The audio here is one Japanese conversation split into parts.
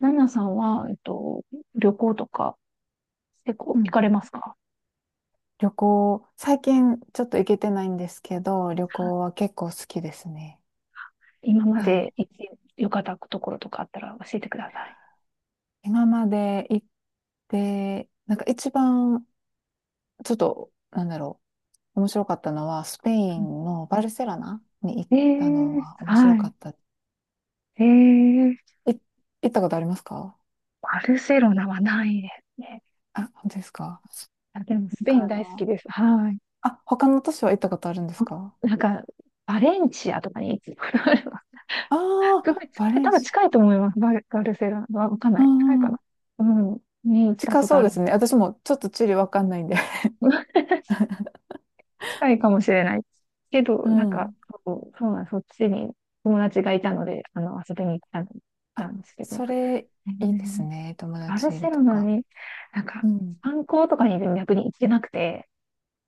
ナナさんは、旅行とか結う構行んかれますか？旅行、最近ちょっと行けてないんですけど、旅行は結構好きですね。今まはでい。行ってよかったところとかあったら教えてください。今まで行って、なんか一番、ちょっと、面白かったのは、スペインのバルセロナに行っえたのー、は面白はかい。った。えー、行ったことありますか？バルセロナはないですね。あ、本当ですか？あ、でもスなんペかインあ大好きの、です。はい。他の都市は行ったことあるんですあ、か？なんか、バレンチアとかに行くことあれば、あ すごあい、ー、バレ多ン分シア。近いと思います。バルセロナはわかんうない。近いんかうん。な。うん。に行った近ことそうあでる。すね。私もちょっと地理わかんないんで。近いかもしれない。け ど、うなんか、ん。そう、そうなん、そっちに友達がいたので、あの、遊びに行ったんたあ、んですけど、それ、えー、いいですね。友バル達いセるロとナか。に、なんか、うん。観光とかに逆に行ってなくて、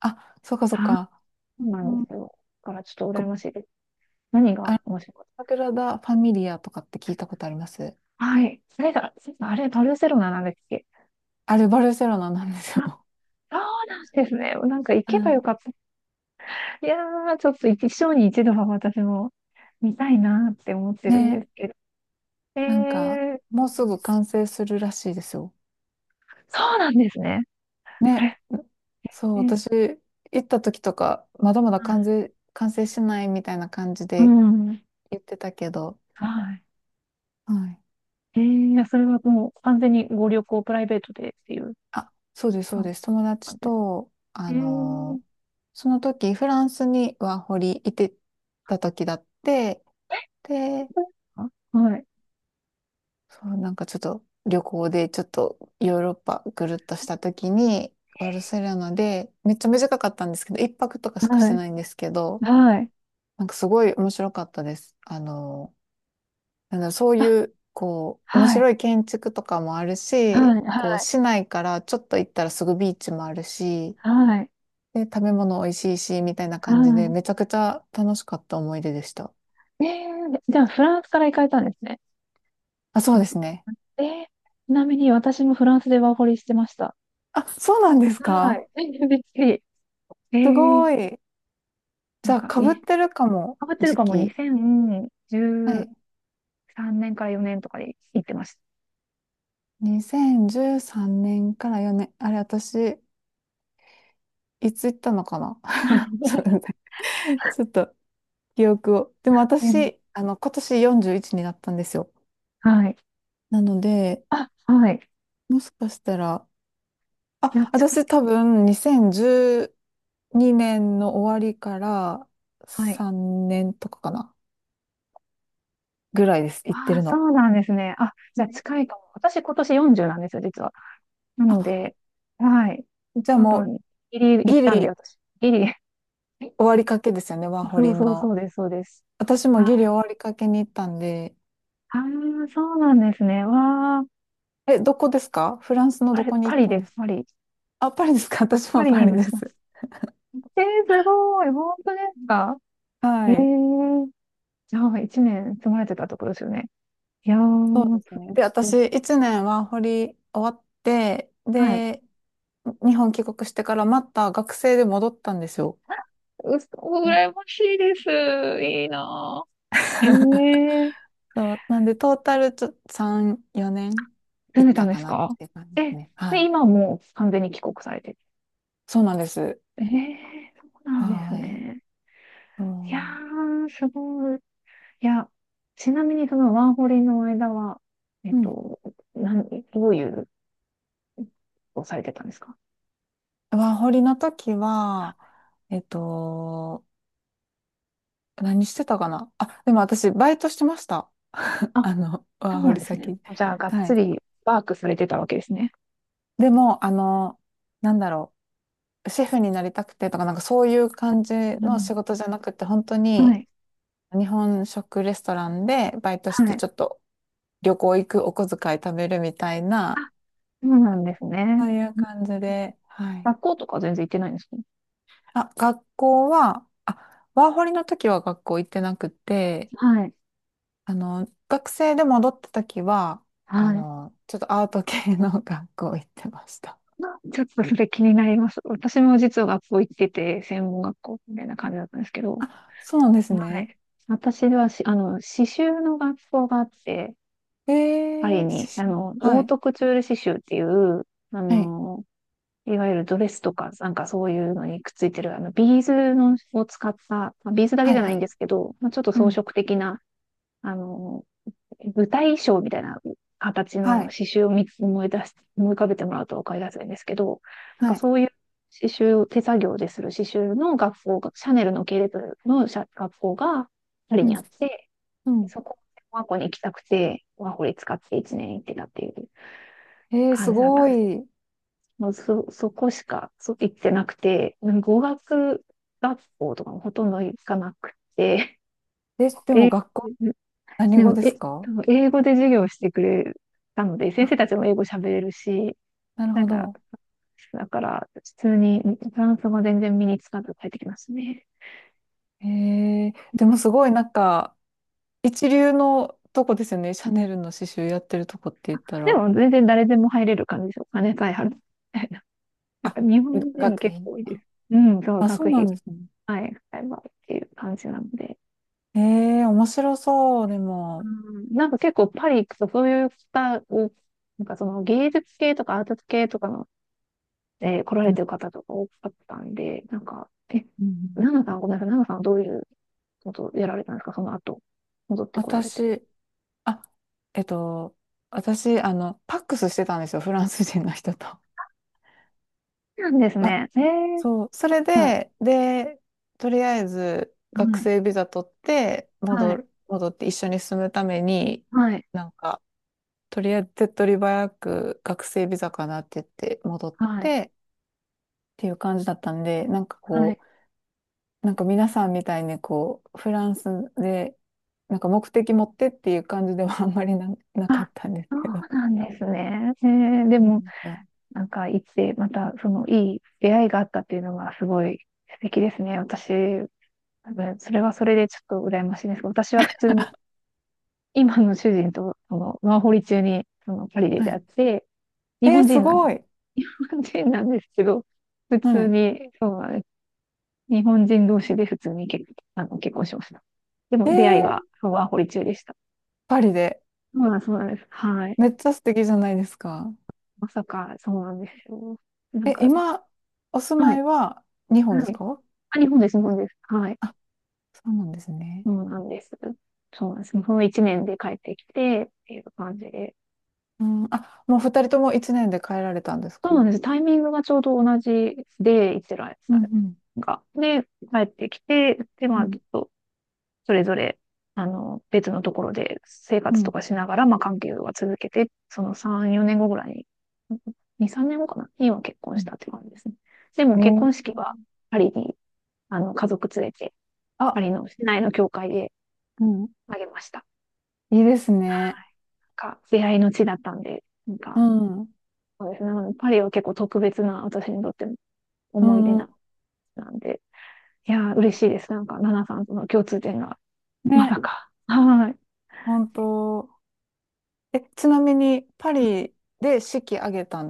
あ、そうかそうそか。ううんなんでうすん。よ。だからちょっと羨こましいです。何あがの、面白かっサグラダ・ファミリアとかって聞いたことあります？た？はい。それが、それがあれ、バルセロナなんだっけ？あれ、バルセロナなんですあ、よ。そうなんですね。なんか行けばよかっはた。いやー、ちょっと一生に一度は私も見たいなーって思っているんでね、すけど。えなんか、ー、もうすぐ完成するらしいですよ。そうなんですね。あね、れ、そう、え、はい。私、行った時とか、まだまだ完成、完成しないみたいな感じうでん。言ってたけど、はい。はい。えー、いやそれはもう完全にご旅行プライベートでっていうあ、そうです、そう感です。友じ達です。と、えー、その時、フランスにワーホリいてた時だって、で、あ、はい。そう、なんかちょっと旅行でちょっとヨーロッパぐるっとした時に、バルセロナで、めっちゃ短かったんですけど、一泊とかしかしはてい。ないんですけど、はい。なんかすごい面白かったです。なんだろう、そうあ、いう、こう、面はい。白い建築とかもあるし、はい。こう、はい。市内からちょっと行ったらすぐビーチもあるし、はい。で、食べ物美味しいし、みたいなは感じで、めちゃくちゃ楽しかった思い出でした。い。えー、じゃあフランスから行かれたんですね。あ、そうですね。えー、ちなみに私もフランスでワーホリしてました。あ、そうなんですはか？い。びっくり。えすー、ごい。じなんゃあ、か、かぶってるかも、変わってる時かも、期。は2010、い。3年から4年とかで行ってました。2013年から4年。あれ、私、いつ行ったのかな？ ちょっと 待って ちょっと記憶を。でもうん。私、あの、今年41になったんですよ。はい。なので、あ、はい。もしかしたら、いや、あ、近い。私多分2012年の終わりからはい。3年とかかな、ぐらいです、行ってああ、るその。うなんですね。あ、じゃあね、近いかも。私今年40なんですよ、実は。なのあ、で、はい。じゃあ多もう分、ギリ行っギたんで、リ私。ギリ。え、終わりかけですよね、ワーホそうリそうその。うです、そうです。私もはギリ終い。わりかけに行ったんで。ああ、そうなんですね。わあ、え、どこですか？フランスのあどれ、こにパ行っリたんでです、すか？パリ。あ、パリですか？ 私パもリにパいリまでした。す。えー、すごい。本当ですか？ええはい。ー、じゃあ、1年住まれてたところですよね。いやー、そうですそね。で、う私です。1年ワーホリ終わって、はい。で、日本帰国してからまた学生で戻ったんですよ。うそ、ね 羨ましいです。いいなぁ。ええ ー、そう、なんで、トータルちょ、3、4年住行んっでたたんでかすなっか？ていう感じでえ、すね。はで、い。今もう完全に帰国されてる。そうなんです。ええー、そうなんですはい。ね。いやそー、すごい。いや、ちなみにそのワーホリの間は、えっう。うん。と、なん、どういうことをされてたんですか？ワーホリの時は、えっと、何してたかなあ、でも私、バイトしてました。あ、あの、ワそーうホなんリですね。先。じゃあ、がっはつい。りワークされてたわけですね。でも、あの、なんだろう。シェフになりたくてとか、なんかそういう感じうのん。仕事じゃなくて、本当はにい。日本食レストランでバイトしはて、い。ちょっと旅行行く、お小遣い貯めるみたいあ、な、そうなんですね。そういう感じで、はい。学校とか全然行ってないんですか？あ、学校は、あ、ワーホリの時は学校行ってなくて、はい。あの、学生で戻った時は、あはい。の、ちょっとアート系の 学校行ってました。ちょっとそれ気になります。私も実は学校行ってて、専門学校みたいな感じだったんですけど、あ、そうなんですはね。い。私はあの、刺繍の学校があって、えパリー、に、あしの、オはーい。トクチュール刺繍っていう、あはい。の、いわゆるドレスとか、なんかそういうのにくっついてる、あの、ビーズのを使った、まあビーズだけはい。じゃはないんでい。すけど、まあ、ちょっとう装ん。飾的な、あの、舞台衣装みたいな形のはい。刺繍を見つ思い出し、思い浮かべてもらうと分かりやすいんですけど、なんはかい。そういう刺繍を手作業でする刺繍の学校が、シャネルの系列の社学校がパリうにん。あって、うん。そこ、ワーホリに行きたくて、ワーホリ使って1年行ってたっていうえー、す感じだったんごです。い。もうそ、そこしか行ってなくて、語学学校とかもほとんど行かなくて、え、でもで、学校、何で語も、ですでか？も英語で授業してくれたので、先生あ、たちも英語喋れるし、なるなんほか、ど。だから、普通にフランス語全然身につかず帰ってきましたね。へえ、でもすごいなんか、一流のとこですよね。シャネルの刺繍やってるとこって言ったでら。も、全然誰でも入れる感じですよ。金さえ払ってみたいな。なんか、あ、日本人学結院。構多いであ、す。うん、そう、あそ学うな費、んですね。はい、使えばっていう感じなので。へえ、面白そう。でも、うん、なんか結構パリ行くとそういった、お、なんかその芸術系とかアート系とかので来らうれんてる方とか多かったんで、なんか、え、うん、ナナさん、ごめんなさい、ナナさんはどういうことをやられたんですか、その後、戻ってこられて。私、あ、えっと、私、あの、パックスしてたんですよ。フランス人の人と。そうなんですあ、ね。えー、そう。それはい、で、で、とりあえず、は学い、生ビザ取って、はい、戻って一緒に住むために、はい、なんか、とりあえず手っ取り早く学生ビザかなって言って戻っはい、てっていう感じだったんで、なんかはい。こう、なんか皆さんみたいにこう、フランスで、なんか目的持ってっていう感じでは あんまりな、なかあ、ったんですそけど。そうなんですね。えー、でうなも、んですよ。なんか、行って、また、その、いい出会いがあったっていうのが、すごい素敵ですね。私、多分、それはそれでちょっと羨ましいんですけど、私は普通に、今の主人と、その、ワーホリ中に、その、パリでは出会っい。て、日えー、本す人なんです。ごい。日本人なんですけど、普は通い。に、そうなんです。日本人同士で普通にあの、結婚しました。でえも出会いはー、ワーホリ中でした。パリで。そうなんです。はい。めっちゃ素敵じゃないですか。まさか、そうなんですよ。なんえ、かね、今、お住はまい、いは日本ではすい。か？あ、日本です、日本です。はい。あ、そうなんですね。そうなんです。そうなんです。その1年で帰ってきて、っていう感じで。うん、あ、もう二人とも一年で帰られたんですそうなんか？です。タイミングがちょうど同じで、イスラエルうさんうん。んが。で、帰ってきて、で、うまあ、ちょんっとそれぞれ、あの、別のところで生う活とん。かしながら、まあ、関係は続けて、その3、4年後ぐらいに、2、3年後かなには結婚うしん。たって感じですね。でもえ結ー。婚式はパリに、あの、家族連れて、パあ、リの市内の教会でうん。あげました。いいですね。なんか、出会いの地だったんで、なんうか、ん。うそうですね。なのでパリは結構特別な、私にとっての思い出ん。うん、な、なんで、いやー、嬉しいです。なんか、ナナさんとの共通点が、まね、さか。はーい。本当。え、ちなみに、パリで式挙げた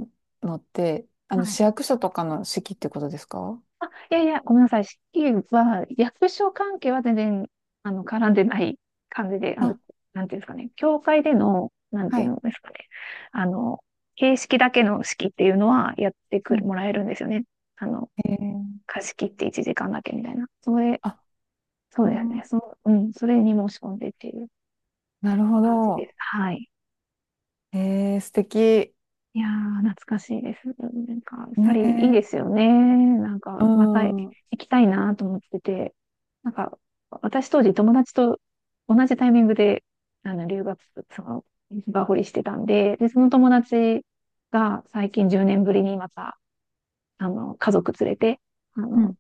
のって、あはの、市い。役所とかの式ってことですか？あ、いやいや、ごめんなさい。四季は、役所関係は全然、あの、絡んでない感じで、あの、あ、なんていうんですかね、教会での、なんてはいうい。んですかね、あの、形式だけの式っていうのはやってはくる、い。もらえるんですよね。あの、えー、貸し切って1時間だけみたいな。それ、あ、そううですん、ね。そ、うん、それに申し込んでっていうなるほ感じでど。す。はい。えー、素敵。いやー、懐かしいです。なんか、サリーいいでね。すよね。なんか、うまた行ん。うきたいなと思ってて。なんか、私当時友達と同じタイミングで、あの、留学、その、バホリしてたんで、で、その友達が最近10年ぶりにまた、あの、家族連れて、あん。の、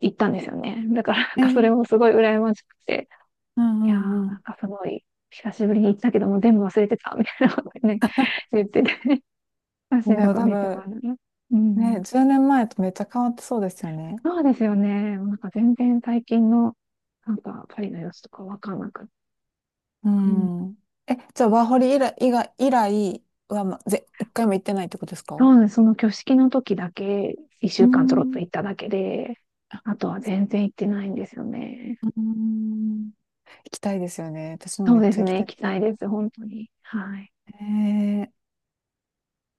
行ったんですよね。だから、なんえかそれー、もすごい羨ましくて。うんういやー、んうなん。んかすごい、久しぶりに行ったけども全部忘れてた、みたいなことね、言って写で真ともか多見てもら分、うのね。うね、ん。10年前とめっちゃ変わってそうですよね。そうですよね。なんか全然最近の、なんかパリの様子とかわかんなくて。ううん。ん。え、じゃあ、ワーホリ以来は、一回も行ってないってことですそか？うです。その挙式の時だけ、一う週間ちょろっとん、う行っただけで、あとは全然行ってないんですよね。ん、行きたいですよね。私もそめうっでちすゃ行きね。た行い。きたいです。本当に。はい。え